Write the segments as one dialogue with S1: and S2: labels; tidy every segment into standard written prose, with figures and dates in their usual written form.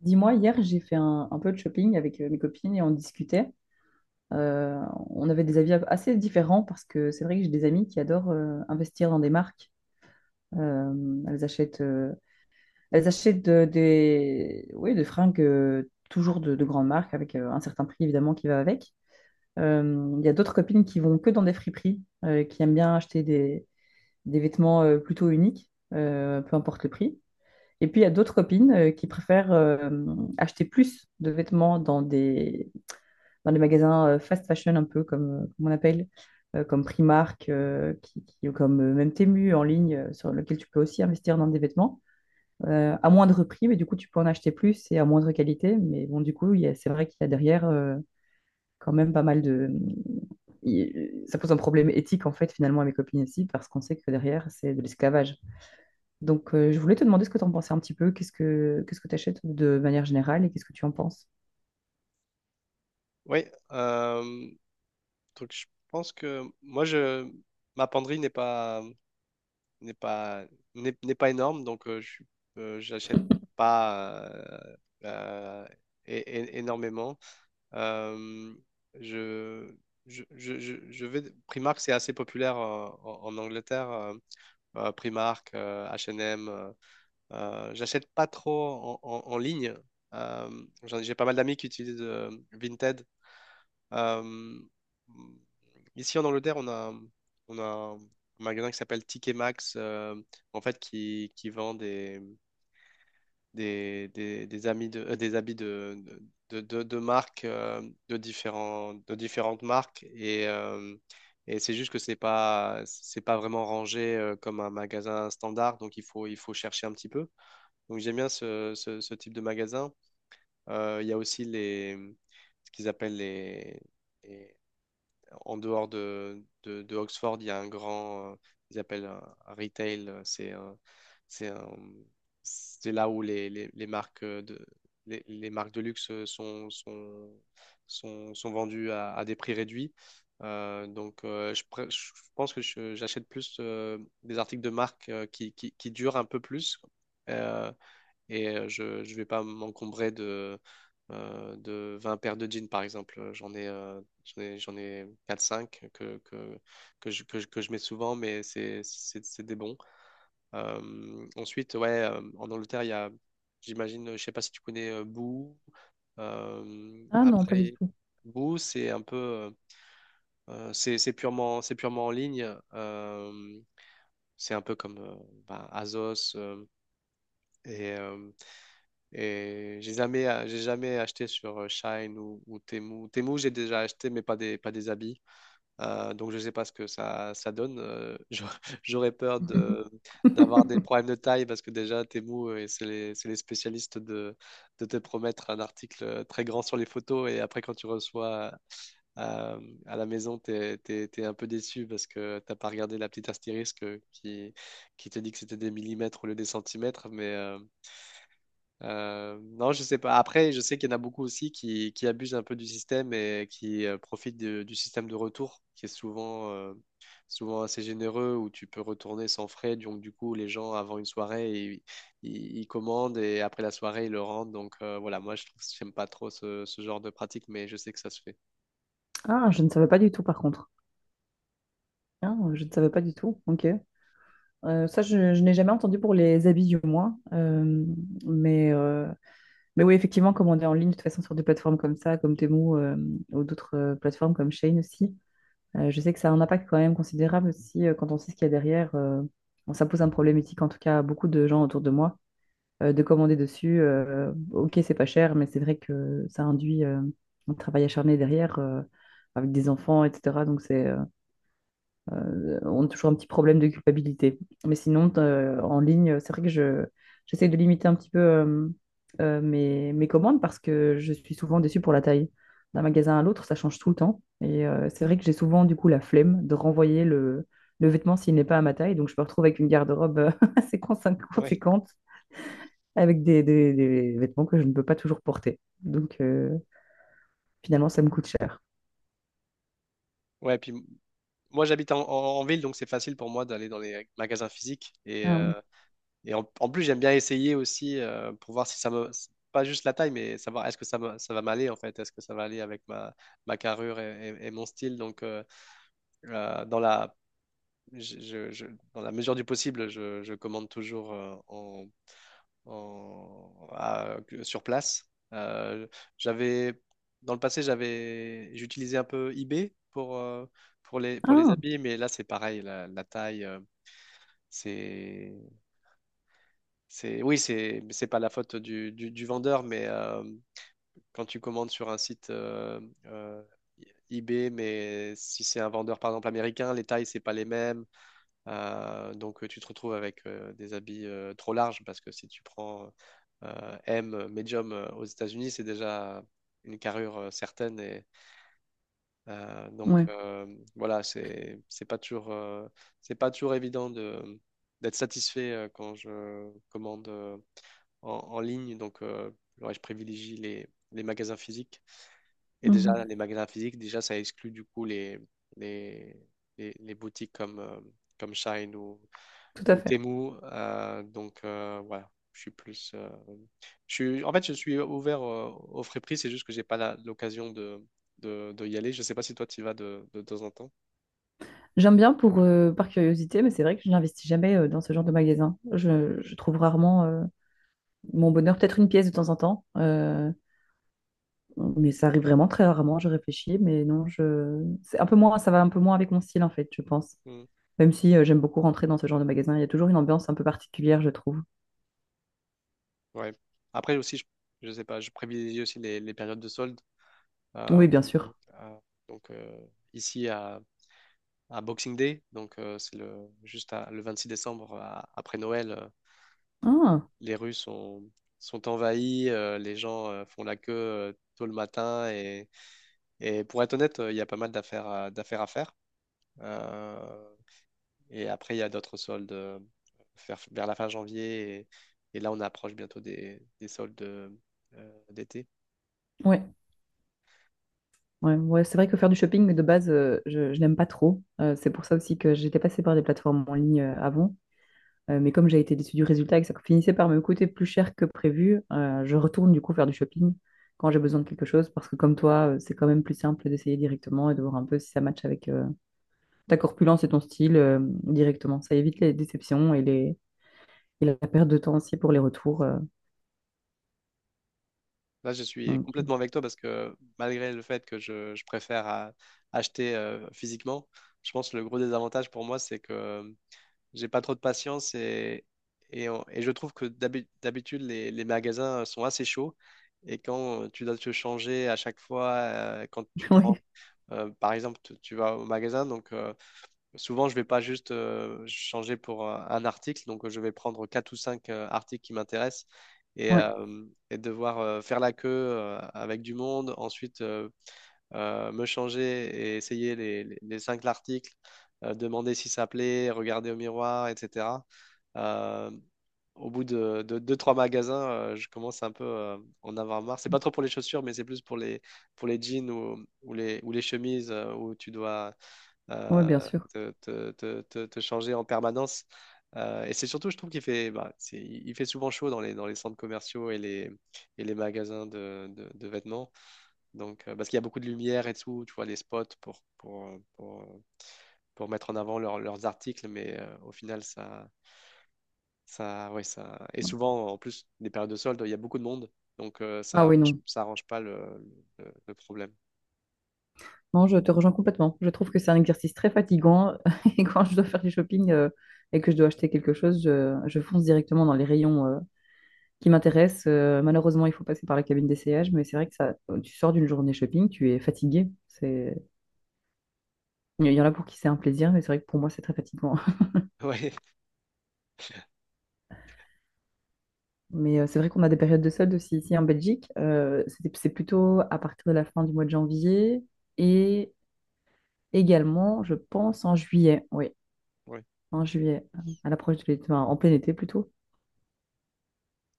S1: Dis-moi, hier, j'ai fait un peu de shopping avec mes copines et on discutait. Euh, on avait des avis assez différents parce que c'est vrai que j'ai des amis qui adorent investir dans des marques. Euh, elles achètent, euh, elles achètent des, oui, des fringues toujours de grandes marques avec un certain prix évidemment qui va avec. Il y a d'autres copines qui vont que dans des friperies, qui aiment bien acheter des vêtements plutôt uniques, peu importe le prix. Et puis, il y a d'autres copines qui préfèrent acheter plus de vêtements dans des magasins fast fashion, un peu comme on appelle, comme Primark, ou comme même Temu en ligne, sur lequel tu peux aussi investir dans des vêtements, à moindre prix, mais du coup, tu peux en acheter plus et à moindre qualité. Mais bon, du coup, c'est vrai qu'il y a derrière quand même pas mal de... Ça pose un problème éthique, en fait, finalement, à mes copines aussi, parce qu'on sait que derrière, c'est de l'esclavage. Donc, je voulais te demander ce que tu en pensais un petit peu. Qu'est-ce que tu achètes de manière générale et qu'est-ce que tu en penses?
S2: Oui, euh, donc je pense que moi je ma penderie n'est pas n'est pas énorme donc j'achète pas euh, énormément. Euh, je, je vais Primark. C'est assez populaire en Angleterre. Primark, H&M. J'achète pas trop en ligne. J'ai pas mal d'amis qui utilisent Vinted euh, ici en Angleterre. On a un magasin qui s'appelle Ticket Max, en fait, qui vend des habits de, de, de marques, euh, de différentes marques. Et c'est juste que c'est pas vraiment rangé comme un magasin standard, donc il faut chercher un petit peu. Donc j'aime bien ce type de magasin. Il y a aussi les, ce qu'ils appellent les En dehors de Oxford, il y a un grand, ils appellent un retail, c'est un- c'est là où les marques de, les marques de luxe sont vendues à des prix réduits. Je pense que j'achète plus des articles de marque qui durent un peu plus. Euh, je vais pas m'encombrer de 20 paires de jeans, par exemple. J'en ai 4-5 que je mets souvent, mais c'est des bons. Ensuite, ouais, en Angleterre, il y a, j'imagine, je sais pas si tu connais Boo.
S1: Ah non, pas du
S2: Après,
S1: tout.
S2: Boo, c'est un peu, c'est purement en ligne. C'est un peu comme bah, Azos et Et j'ai jamais acheté sur Shein ou Temu. Temu, j'ai déjà acheté, mais pas des habits. Donc, je ne sais pas ce que ça donne. J'aurais j'aurais peur d'avoir des problèmes de taille parce que déjà, Temu, c'est les spécialistes de te promettre un article très grand sur les photos. Et après, quand tu reçois euh, à la maison, t'es un peu déçu parce que t'as pas regardé la petite astérisque qui te dit que c'était des millimètres au lieu des centimètres. Mais, non, je sais pas. Après, je sais qu'il y en a beaucoup aussi qui abusent un peu du système et qui profitent du système de retour, qui est souvent assez généreux, où tu peux retourner sans frais. Donc, du coup, les gens, avant une soirée, ils commandent et après la soirée, ils le rendent. Donc, voilà, moi, je trouve, j'aime pas trop ce genre de pratique, mais je sais que ça se fait.
S1: Ah, je ne savais pas du tout par contre. Ah, je ne savais pas du tout. Ok. Ça, je n'ai jamais entendu pour les habits du moins. Mais, euh, mais oui, effectivement, commander en ligne, de toute façon, sur des plateformes comme ça, comme Temu ou d'autres plateformes comme Shein aussi, je sais que ça a un impact quand même considérable aussi quand on sait ce qu'il y a derrière. Bon, ça pose un problème éthique, en tout cas, à beaucoup de gens autour de moi de commander dessus. Ok, c'est pas cher, mais c'est vrai que ça induit un travail acharné derrière avec des enfants, etc. On a toujours un petit problème de culpabilité. Mais sinon, en ligne, c'est vrai que j'essaie de limiter un petit peu mes commandes parce que je suis souvent déçue pour la taille. D'un magasin à l'autre, ça change tout le temps. Et c'est vrai que j'ai souvent du coup la flemme de renvoyer le vêtement s'il n'est pas à ma taille. Donc je me retrouve avec une garde-robe assez
S2: Ouais.
S1: conséquente avec des vêtements que je ne peux pas toujours porter. Donc, finalement, ça me coûte cher.
S2: Ouais, puis moi, j'habite en ville, donc c'est facile pour moi d'aller dans les magasins physiques et,
S1: Ah ouais.
S2: euh, Et en plus, j'aime bien essayer aussi pour voir si ça me. C'est pas juste la taille, mais savoir est-ce que ça va m'aller en fait, est-ce que ça va aller avec ma carrure et mon style. Donc, euh, dans la, je- je- je- dans la mesure du possible, je commande toujours en- à- sur place. Euh, j'avais, Dans le passé, j'utilisais un peu eBay pour les
S1: Ah,
S2: habits, mais là, c'est pareil, la taillec'est. Oui, c'est pas la faute du vendeur, mais quand tu commandes sur un site euh, eBay, mais si c'est un vendeur par exemple américain, les tailles c'est pas les mêmes. Tu te retrouves avec des habits trop larges parce que si tu prends M, medium aux États-Unis, c'est déjà une carrure certaine et euh, donc
S1: ouais.
S2: euh, voilà, c'est pas toujours évident de d'être satisfait quand je commande en ligne. Donc, ouais, je privilégie les magasins physiques. Et déjà,
S1: Mhm.
S2: les magasins physiques, déjà, ça exclut du coup les, les boutiques comme Shine
S1: Tout à
S2: ou
S1: fait.
S2: Temu. Voilà, je suis plus. Je suis, en fait, je suis ouvert au frais prix, c'est juste que j'ai pas l'occasion de y aller. Je sais pas si toi tu y vas de temps en temps.
S1: J'aime bien pour, par curiosité, mais c'est vrai que je n'investis jamais dans ce genre de magasin. Je trouve rarement mon bonheur, peut-être une pièce de temps en temps, mais ça arrive vraiment très rarement. Je réfléchis, mais non, je... c'est un peu moins, ça va un peu moins avec mon style en fait, je pense.
S2: Mm.
S1: Même si j'aime beaucoup rentrer dans ce genre de magasin, il y a toujours une ambiance un peu particulière, je trouve.
S2: Ouais. Après aussi, je sais pas, je privilégie aussi les périodes de solde. Euh,
S1: Oui, bien sûr.
S2: euh, donc euh, Ici à Boxing Day, donc c'est le juste à- le 6 décembre après Noël,
S1: Ah,
S2: les rues sont envahies, les gens font la queue tôt le matin et pour être honnête, il y a pas mal d'affaires à faire. Euh, et après il y a d'autres soldes vers la fin janvier et là on approche bientôt des soldes d'été.
S1: ouais. Ouais, ouais, c'est vrai que faire du shopping mais de base, je n'aime pas trop. C'est pour ça aussi que j'étais passée par des plateformes en ligne avant. Mais comme j'ai été déçue du résultat et que ça finissait par me coûter plus cher que prévu, je retourne du coup faire du shopping quand j'ai besoin de quelque chose. Parce que comme toi, c'est quand même plus simple d'essayer directement et de voir un peu si ça matche avec ta corpulence et ton style directement. Ça évite les déceptions et la perte de temps aussi pour les retours. Euh.
S2: Là, je suis
S1: Donc,
S2: complètement avec toi parce que malgré le fait que je préfère acheter physiquement, je pense que le gros désavantage pour moi, c'est que j'ai pas trop de patience et je trouve que d'habitude, les magasins sont assez chauds et quand tu dois te changer à chaque fois, quand tu prends,
S1: oui,
S2: par exemple, tu vas au magasin, donc. Souvent, je vais pas juste changer pour un article, donc je vais prendre quatre ou cinq articles qui m'intéressent et,
S1: ouais,
S2: euh, et devoir faire la queue avec du monde, ensuite me changer et essayer les cinq articles, demander si ça plaît, regarder au miroir, etc. Euh, Au bout de deux, trois magasins, je commence un peu en avoir marre. C'est pas trop pour les chaussures, mais c'est plus pour les jeans ou les chemises où tu dois
S1: ouais,
S2: euh,
S1: bien sûr.
S2: te changer en permanence. Et c'est surtout, je trouve qu'il fait, bah, c'est- il fait souvent chaud dans les centres commerciaux et les magasins de vêtements. Donc, parce qu'il y a beaucoup de lumière et tout, tu vois, les spots pour mettre en avant leurs articles, mais au final, ouais, ça. Et souvent, en plus, des périodes de soldes, il y a beaucoup de monde, donc
S1: Ah oui, non.
S2: ça arrange pas le problème.
S1: Non, je te rejoins complètement. Je trouve que c'est un exercice très fatigant. Et quand je dois faire du shopping et que je dois acheter quelque chose, je fonce directement dans les rayons qui m'intéressent. Malheureusement, il faut passer par la cabine d'essayage, mais c'est vrai que ça, tu sors d'une journée shopping, tu es fatigué. C'est... Il y en a pour qui c'est un plaisir, mais c'est vrai que pour moi, c'est très fatigant.
S2: Ouais,
S1: Mais c'est vrai qu'on a des périodes de soldes aussi ici en Belgique. C'est plutôt à partir de la fin du mois de janvier et également, je pense, en juillet. Oui,
S2: ouais.
S1: en juillet, à l'approche de l'été, enfin, en plein été plutôt.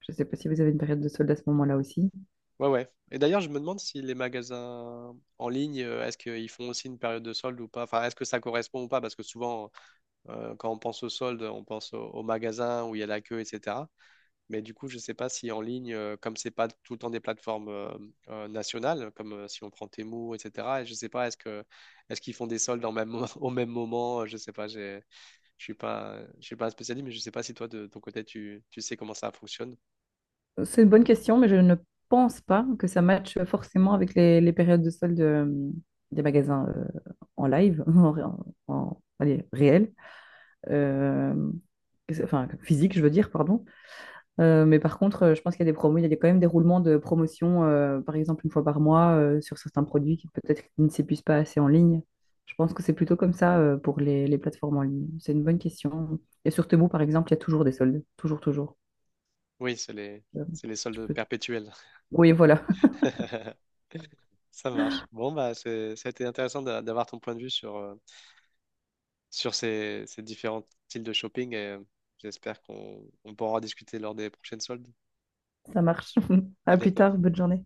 S1: Je ne sais pas si vous avez une période de solde à ce moment-là aussi.
S2: Ouais, ouais. Et d'ailleurs, je me demande si les magasins en ligne, est-ce qu'ils font aussi une période de solde ou pas? Enfin, est-ce que ça correspond ou pas? Parce que souvent, quand on pense aux soldes, on pense aux magasins où il y a la queue, etc. Mais du coup, je ne sais pas si en ligne, comme c'est pas tout le temps des plateformes nationales, comme si on prend Temu, etc. Et je ne sais pas, est-ce qu'ils font des soldes au même moment? Je ne sais pas. J'ai je suis pas un spécialiste, mais je sais pas si toi, de ton côté, tu sais comment ça fonctionne.
S1: C'est une bonne question, mais je ne pense pas que ça matche forcément avec les périodes de solde des magasins en live, allez, réel. Euh, enfin physique, je veux dire, pardon. Mais par contre, je pense qu'il y a des promos, il y a quand même des roulements de promotion, par exemple une fois par mois, sur certains produits qui peut-être ne s'épuisent pas assez en ligne. Je pense que c'est plutôt comme ça, pour les plateformes en ligne. C'est une bonne question. Et sur Temu, par exemple, il y a toujours des soldes, toujours, toujours.
S2: Oui,
S1: euh,
S2: c'est les
S1: je
S2: soldes
S1: peux...
S2: perpétuels.
S1: Oui, voilà,
S2: Ça marche. Bon, bah, ça a été intéressant d'avoir ton point de vue sur ces différents styles de shopping j'espère qu'on on pourra en discuter lors des prochaines soldes.
S1: ça marche.
S2: À
S1: À plus
S2: bientôt.
S1: tard, bonne journée.